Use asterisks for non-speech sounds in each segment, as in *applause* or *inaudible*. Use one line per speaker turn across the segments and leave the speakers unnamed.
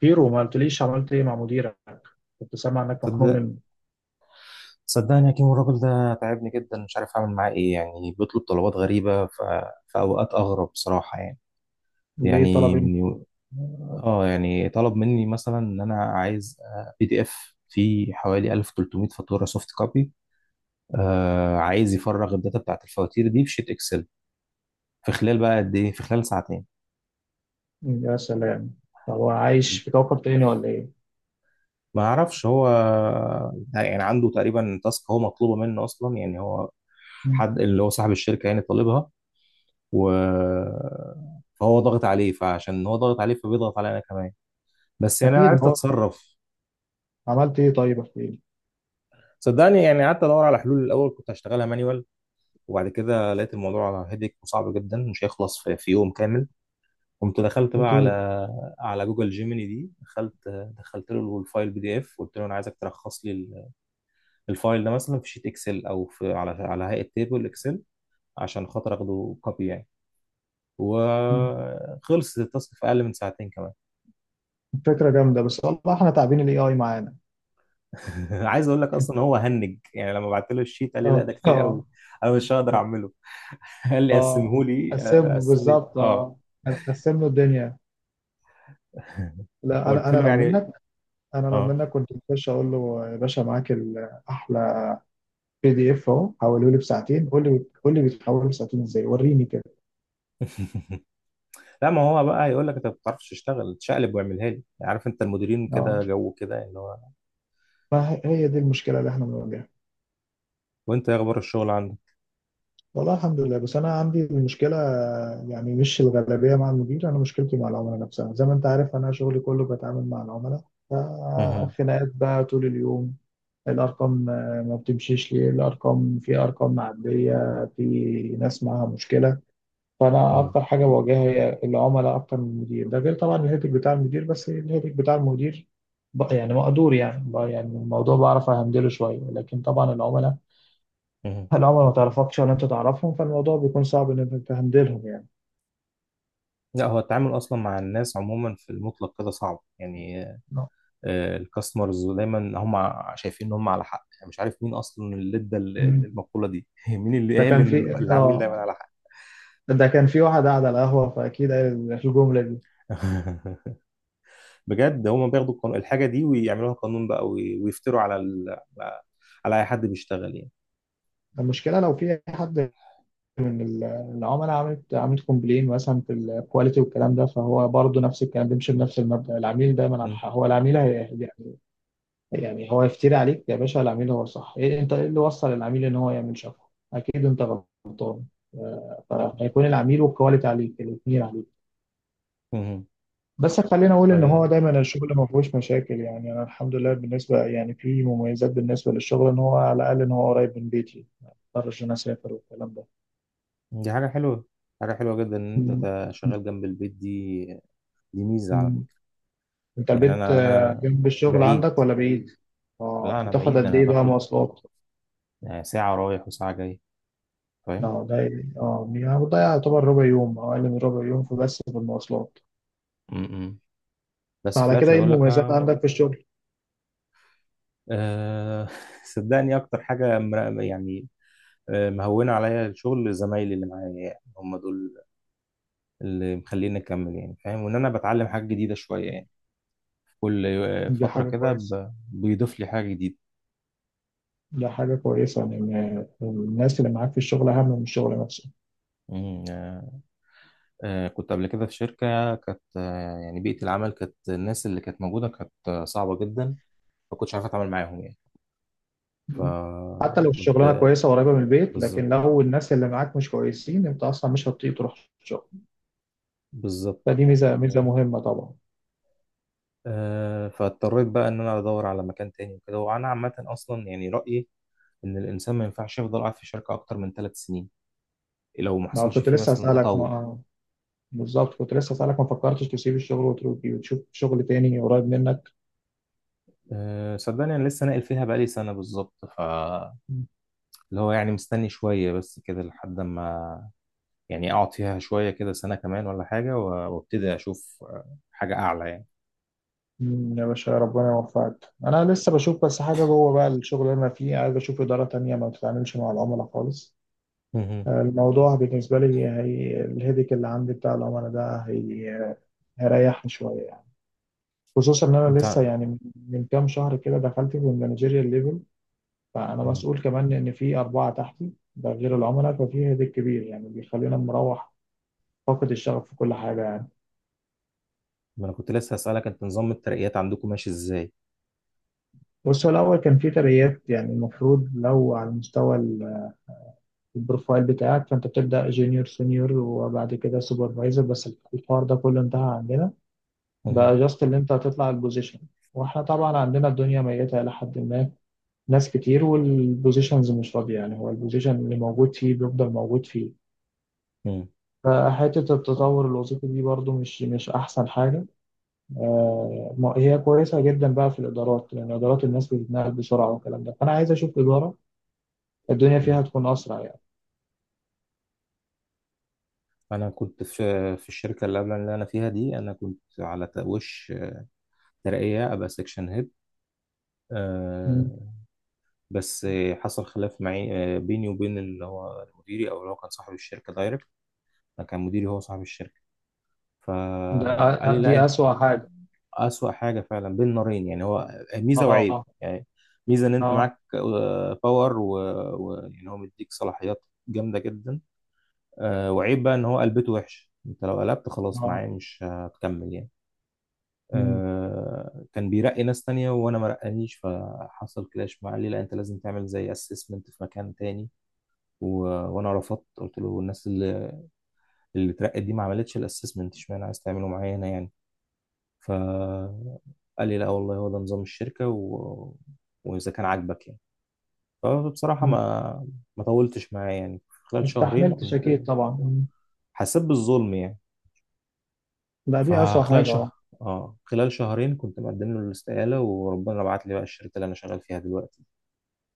بيرو، ما قلتليش عملت ايه مع مديرك؟ كنت سامع انك مخنوق
صدق
منه.
صدقني يا كيمو الراجل ده تعبني جدا، مش عارف اعمل معاه ايه. يعني بيطلب طلبات غريبة في اوقات اغرب بصراحة يعني.
ليه طلب
يعني
ايه؟
من... اه يعني طلب مني مثلا ان انا عايز بي دي اف فيه حوالي 1300 فاتورة سوفت كوبي. عايز يفرغ الداتا بتاعت الفواتير دي في شيت اكسل في خلال، بقى قد ايه، في خلال ساعتين.
يا سلام، طب هو عايش في كوكب تاني ولا ايه؟
ما اعرفش هو يعني عنده تقريبا تاسك هو مطلوبة منه اصلا، يعني هو
مم.
حد اللي هو صاحب الشركة يعني طالبها و فهو ضاغط عليه، فعشان هو ضاغط عليه فبيضغط عليا انا كمان. بس يعني انا
اكيد، ما
عرفت
هو
اتصرف.
عملت ايه؟ طيب احكي لي.
صدقني يعني قعدت ادور على حلول. الاول كنت هشتغلها مانيوال، وبعد كده لقيت الموضوع هيدك وصعب جدا، مش هيخلص في يوم كامل. قمت دخلت بقى على
اكيد.
جوجل جيميني دي. دخلت، دخلت له الفايل بي دي اف، قلت له انا عايزك تلخص لي الفايل ده مثلا في شيت اكسل، او في على هيئه تيبل اكسل عشان خاطر اخده كوبي يعني.
مم.
وخلص التاسك في اقل من ساعتين كمان.
فكره جامده، بس والله احنا تعبين الاي اي معانا.
*laughs* عايز اقول لك اصلا هو هنج، يعني لما بعت له الشيت قال لي
اه
لا ده كتير قوي،
اه.
انا مش هقدر اعمله. *laughs* قال لي
اه،
قسمه لي،
قسم
قسم لي.
بالظبط،
اه،
اه. هتقسم له الدنيا. لا انا
فقلت
انا
له
لو
يعني
منك، انا لو
اه.
منك كنت بخش اقول له يا باشا، معاك احلى بي دي اف اهو، حوله لي بساعتين. قول لي، قول لي بيتحول بساعتين ازاي، وريني كده.
*laughs* لا، ما هو بقى يقول لك انت ما بتعرفش تشتغل، تشقلب واعملها لي. عارف، انت المديرين
اه،
كده جو كده اللي هو.
ما هي هي دي المشكلة اللي احنا بنواجهها.
وانت ايه اخبار الشغل عندك؟
والله الحمد لله، بس انا عندي المشكلة، يعني مش الغالبية مع المدير، انا مشكلتي مع العملاء نفسها. زي ما انت عارف، انا شغلي كله بتعامل مع العملاء،
مهم.
فخناقات بقى طول اليوم. الارقام آه، ما بتمشيش ليه الارقام، في ارقام معدية، في ناس معاها مشكلة. فانا
مهم.
اكتر حاجة بواجهها هي العملاء اكتر من المدير، ده غير طبعا الهيتك بتاع المدير، بس الهيتك بتاع المدير يعني مقدور، يعني يعني الموضوع بعرف اهندله شوية، لكن طبعا العملاء
مهم.
هل عمر ما تعرفكش ولا انت تعرفهم، فالموضوع بيكون صعب ان انت تهندلهم يعني.
لا هو التعامل اصلا مع الناس عموما في المطلق كده صعب يعني.
نعم.
الكاستمرز دايما هم شايفين ان هم على حق، يعني مش عارف مين اصلا اللي ادى
مم.
المقولة دي. *laughs* مين اللي
ده
قال
كان
ان
في
العميل دايما
اه
على حق؟
ده كان في واحد قاعد على القهوة فأكيد قال الجملة دي.
*laughs* بجد، هم بياخدوا الحاجة دي ويعملوها قانون بقى، ويفتروا على على اي حد بيشتغل يعني.
المشكلة لو في حد من العملاء عملت كومبلين مثلا في الكواليتي والكلام ده، فهو برضه نفس الكلام، بيمشي بنفس المبدأ العميل دايما على
م-
الحق، هو العميل هي يعني. يعني هو يفتري عليك يا باشا، العميل هو صح، إيه انت ايه اللي وصل العميل ان هو يعمل شفا؟ اكيد انت غلط. آه، فهيكون العميل والكواليتي عليك، الاثنين عليك.
م-
بس خلينا اقول ان هو
م.
دايما الشغل ما فيهوش مشاكل يعني. انا الحمد لله بالنسبه، يعني في مميزات بالنسبه للشغل، ان هو على الاقل ان هو قريب من بيتي، ما اضطرش ان انا اسافر والكلام ده.
دي حاجة حلوة. حاجة حلوة جدا ان انت
مم.
شغال جنب البيت دي. دي ميزة على
مم.
فكرة.
انت
يعني
البيت
انا
آه،
انا
جنب الشغل
بعيد.
عندك ولا بعيد؟
لا
اه،
انا
بتاخد
بعيد،
قد
انا
ايه بقى
باخد
مواصلات؟
آه، ساعة رايح وساعة جاي. فاهم؟
اه ده، اه يعني بتضيع يعتبر ربع يوم او اقل من ربع يوم في، بس في المواصلات.
م- م. بس في
فعلى كده
الاخر
ايه
يقول لك
المميزات عندك في الشغل؟
أه. *laughs* صدقني اكتر حاجه يعني آه، مهونه عليا الشغل زمايلي اللي معايا، يعني هم دول اللي مخليني اكمل يعني. فاهم؟ وان انا بتعلم حاجه جديده شويه يعني. كل آه،
دي
فتره
حاجه
كده
كويسه،
بيضيف لي حاجه جديده.
دي حاجه كويسه ان إن الناس اللي معاك في الشغل اهم من الشغل نفسه.
مم، آه، آه، كنت قبل كده في شركه كانت آه، يعني بيئه العمل كانت، الناس اللي كانت موجوده كانت آه، صعبه جدا. ما كنتش عارف اتعامل معاهم يعني.
مم. حتى لو الشغلانه
فكنت،
كويسه وقريبه من البيت، لكن
بالظبط،
لو الناس اللي معاك مش كويسين انت اصلا مش هتطيق تروح الشغل.
بالظبط.
فدي ميزه، ميزه مهمه طبعا.
آه، فاضطريت بقى ان انا ادور على مكان تاني وكده. وانا عامه اصلا يعني رايي ان الانسان ما ينفعش يفضل قاعد في شركه اكتر من 3 سنين، لو ما
ما
حصلش
كنت
فيه
لسه
مثلا
هسالك ما
تطور.
آه، بالظبط، كنت لسه هسالك ما فكرتش تسيب الشغل وتروح وتشوف شغل تاني قريب منك؟
أه صدقني انا لسه ناقل فيها بقالي سنه بالظبط، اللي هو يعني مستني شويه بس كده لحد ما، يعني اقعد فيها شويه كده سنه كمان ولا حاجه، وابتدي اشوف آه، حاجه اعلى يعني.
مم، يا باشا ربنا يوفقك. انا لسه بشوف، بس حاجه جوه بقى الشغل اللي انا فيه، عايز اشوف اداره تانية ما بتتعاملش مع العملاء خالص.
مهم.
آه، الموضوع بالنسبه لي هي الهيدك اللي عندي بتاع العملاء ده، هي هيريحني شويه. خصوصا ان انا لسه
انت،
يعني من من كام شهر كده دخلت في المانجيريال ليفل، فانا
مهم.
مسؤول كمان ان في اربعه تحتي، ده غير العملاء، ففي هيدك كبير يعني، بيخلينا مروح فاقد الشغف في كل حاجه يعني.
ما انا كنت لسه هسالك، انت نظام الترقيات عندكم ماشي ازاي؟
بص، هو الاول كان في ترقيات، يعني المفروض لو على مستوى البروفايل بتاعك، فانت بتبدا جونيور، سينيور، وبعد كده سوبرفايزر. بس الحوار ده كله انتهى عندنا،
مهم.
بقى جاست اللي انت هتطلع البوزيشن. واحنا طبعا عندنا الدنيا ميته الى حد ما، ناس كتير والبوزيشنز مش فاضية، يعني هو البوزيشن اللي موجود فيه بيفضل موجود فيه. فحتة التطور الوظيفي دي برضو مش أحسن حاجة. آه، ما- هي كويسة جدا بقى في الإدارات، لأن إدارات الناس بتتنقل بسرعة والكلام ده، فأنا عايز أشوف إدارة الدنيا
مهم.
فيها تكون أسرع يعني.
انا كنت في، في الشركه اللي قبل اللي انا فيها دي، انا كنت على وش ترقيه ابقى سكشن هيد
مم.
آه، بس آه، حصل خلاف معي آه، بيني وبين اللي هو مديري، او اللي هو كان صاحب الشركه دايركت. ما كان مديري هو صاحب الشركه.
ده
فقال لي لا
دي
أنت،
أسوأ حاجة.
اسوأ حاجه فعلا، بين نارين يعني. هو ميزه وعيب
آه،
يعني. ميزه ان انت
آه،
معاك آه، باور، ويعني هو مديك صلاحيات جامده جدا. آه، وعيب بقى ان هو قلبته وحش، انت لو قلبت خلاص
آه.
معاه مش هتكمل يعني.
مم.
آه، كان بيرقي ناس تانية وانا ما رقانيش، فحصل كلاش معاه، ليه؟ لا، انت لازم تعمل زي اسسمنت في مكان تاني. و... وانا رفضت، قلت له الناس اللي اترقت دي ما عملتش الاسسمنت، اشمعنى عايز تعمله معايا هنا يعني؟ ف قال لي لا والله هو ده نظام الشركة، واذا كان عاجبك يعني. فبصراحة
مم.
ما طولتش معاه يعني،
ما
خلال شهرين
استحملتش
كنت،
أكيد طبعا. مم.
حسيت بالظلم يعني.
ده دي أسوأ
فخلال
حاجة، أه.
شهر اه خلال شهرين كنت مقدم له الاستقالة، وربنا بعت لي بقى الشركة اللي انا شغال فيها دلوقتي،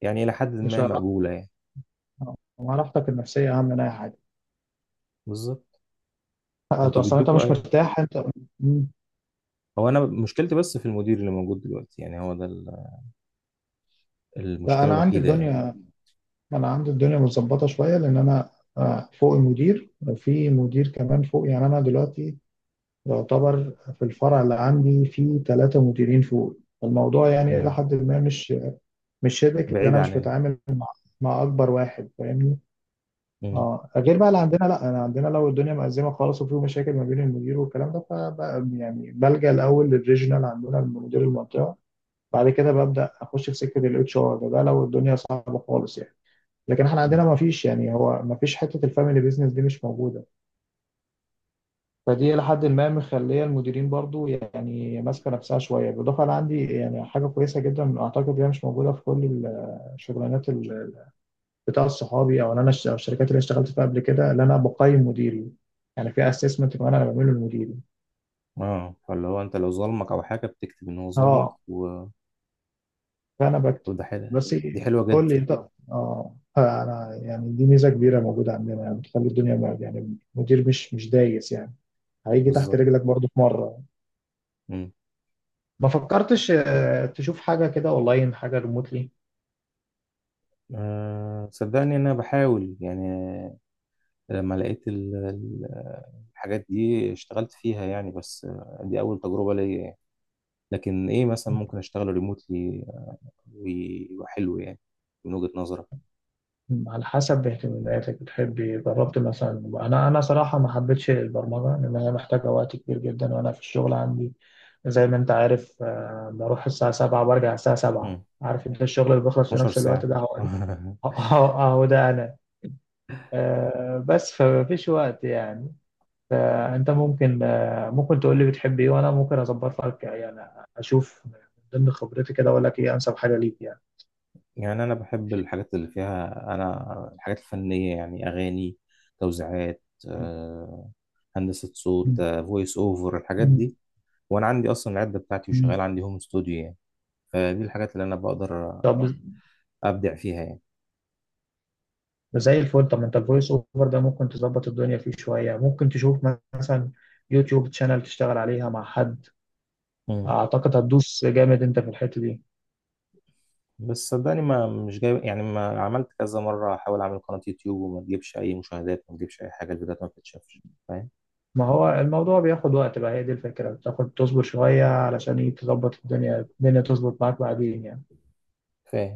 يعني إلى حد
مش
ما مقبولة يعني.
راحتك النفسية أهم من أي حاجة؟
بالظبط. أنتوا
أصلا أنت
بيدوكوا
مش مرتاح أنت. مم.
هو أنا مشكلتي بس في المدير اللي موجود دلوقتي، يعني هو ده
لا
المشكلة
انا عندي
الوحيدة يعني.
الدنيا انا عندي الدنيا متظبطه شويه، لان انا آه، فوق المدير في مدير كمان فوق، يعني انا دلوقتي يعتبر في الفرع اللي عندي في ثلاثه مديرين فوق. الموضوع يعني الى
امم،
حد ما مش شبك، لان
بعيد
انا مش
عننا.
بتعامل مع اكبر واحد، فاهمني؟
امم.
اه، غير بقى اللي عندنا، لا انا عندنا لو الدنيا مأزمه خالص وفي مشاكل ما بين المدير والكلام ده، فبقى يعني بلجأ الاول للريجنال، عندنا مدير المنطقه، بعد كده ببدأ اخش في سكه الاتش ار، ده لو الدنيا صعبه خالص يعني. لكن احنا عندنا
امم.
ما فيش، يعني هو ما فيش حته الفاميلي بيزنس دي مش موجوده، فدي الى حد ما مخليه المديرين برضو يعني ماسكه نفسها شويه. بالاضافه انا عندي يعني حاجه كويسه جدا، اعتقد هي مش موجوده في كل الشغلانات بتاع الصحابي، او إن انا أو الشركات اللي اشتغلت فيها قبل كده، اللي انا بقيم مديري، يعني في اسسمنت كمان انا بعمله لمديري.
اه، فاللي هو أنت لو ظلمك أو حاجة بتكتب إن هو ظلمك
اه، فانا بكتب،
وده حلو.
بس إيه،
دي حلوة
قول
جدا.
لي. طب، اه، فانا يعني دي ميزه كبيره موجوده عندنا، يعني بتخلي الدنيا يعني المدير مش دايس يعني، هيجي تحت
بالظبط.
رجلك برضو في مره.
امم.
ما فكرتش آه، تشوف حاجه كده اونلاين، حاجه ريموتلي؟
آه صدقني إن أنا بحاول يعني، لما لقيت الحاجات دي اشتغلت فيها يعني. بس آه، دي أول تجربة ليا يعني. لكن ايه مثلا ممكن اشتغل ريموتلي ويبقى حلو يعني، من وجهة نظرك؟
على حسب إيه اهتماماتك، بتحبي جربت مثلا؟ انا صراحه ما حبيتش البرمجه، لان هي محتاجه وقت كبير جدا، وانا في الشغل عندي زي ما انت عارف آه، بروح الساعه 7 وبرجع الساعه 7.
مم.
عارف انت الشغل اللي بيخلص في
12
نفس الوقت
ساعة.
ده هو، *laughs*
*laughs*
اهو أهو ده انا. آه، بس فمفيش وقت يعني. فانت ممكن آه، ممكن تقول لي بتحب ايه، وانا ممكن اظبط لك يعني، اشوف من ضمن خبرتي كده اقول لك ايه انسب حاجه ليك يعني.
يعني أنا بحب الحاجات اللي فيها، أنا الحاجات الفنية يعني، أغاني، توزيعات،
مم.
آه، هندسة صوت، فويس أوفر، الحاجات
مم.
دي. وأنا عندي أصلا العدة بتاعتي،
مم.
وشغال عندي هوم استوديو يعني. فدي الحاجات اللي أنا بقدر
طب
أبدع فيها يعني.
زي الفل. طب ما انت الفويس اوفر ده ممكن تظبط الدنيا فيه شوية، ممكن تشوف مثلا يوتيوب تشانل تشتغل عليها مع حد،
مم.
اعتقد هتدوس جامد انت في الحتة دي.
بس صدقني ما مش جاي يعني، ما عملت كذا مرة أحاول أعمل قناة يوتيوب وما تجيبش أي مشاهدات، ما تجيبش أي حاجة، الفيديوهات ما بتتشافش. فاهم؟
ما هو الموضوع بياخد وقت بقى، هي دي الفكرة، بتاخد تصبر شوية علشان تظبط الدنيا، الدنيا تظبط معاك بعدين يعني.
فاهم.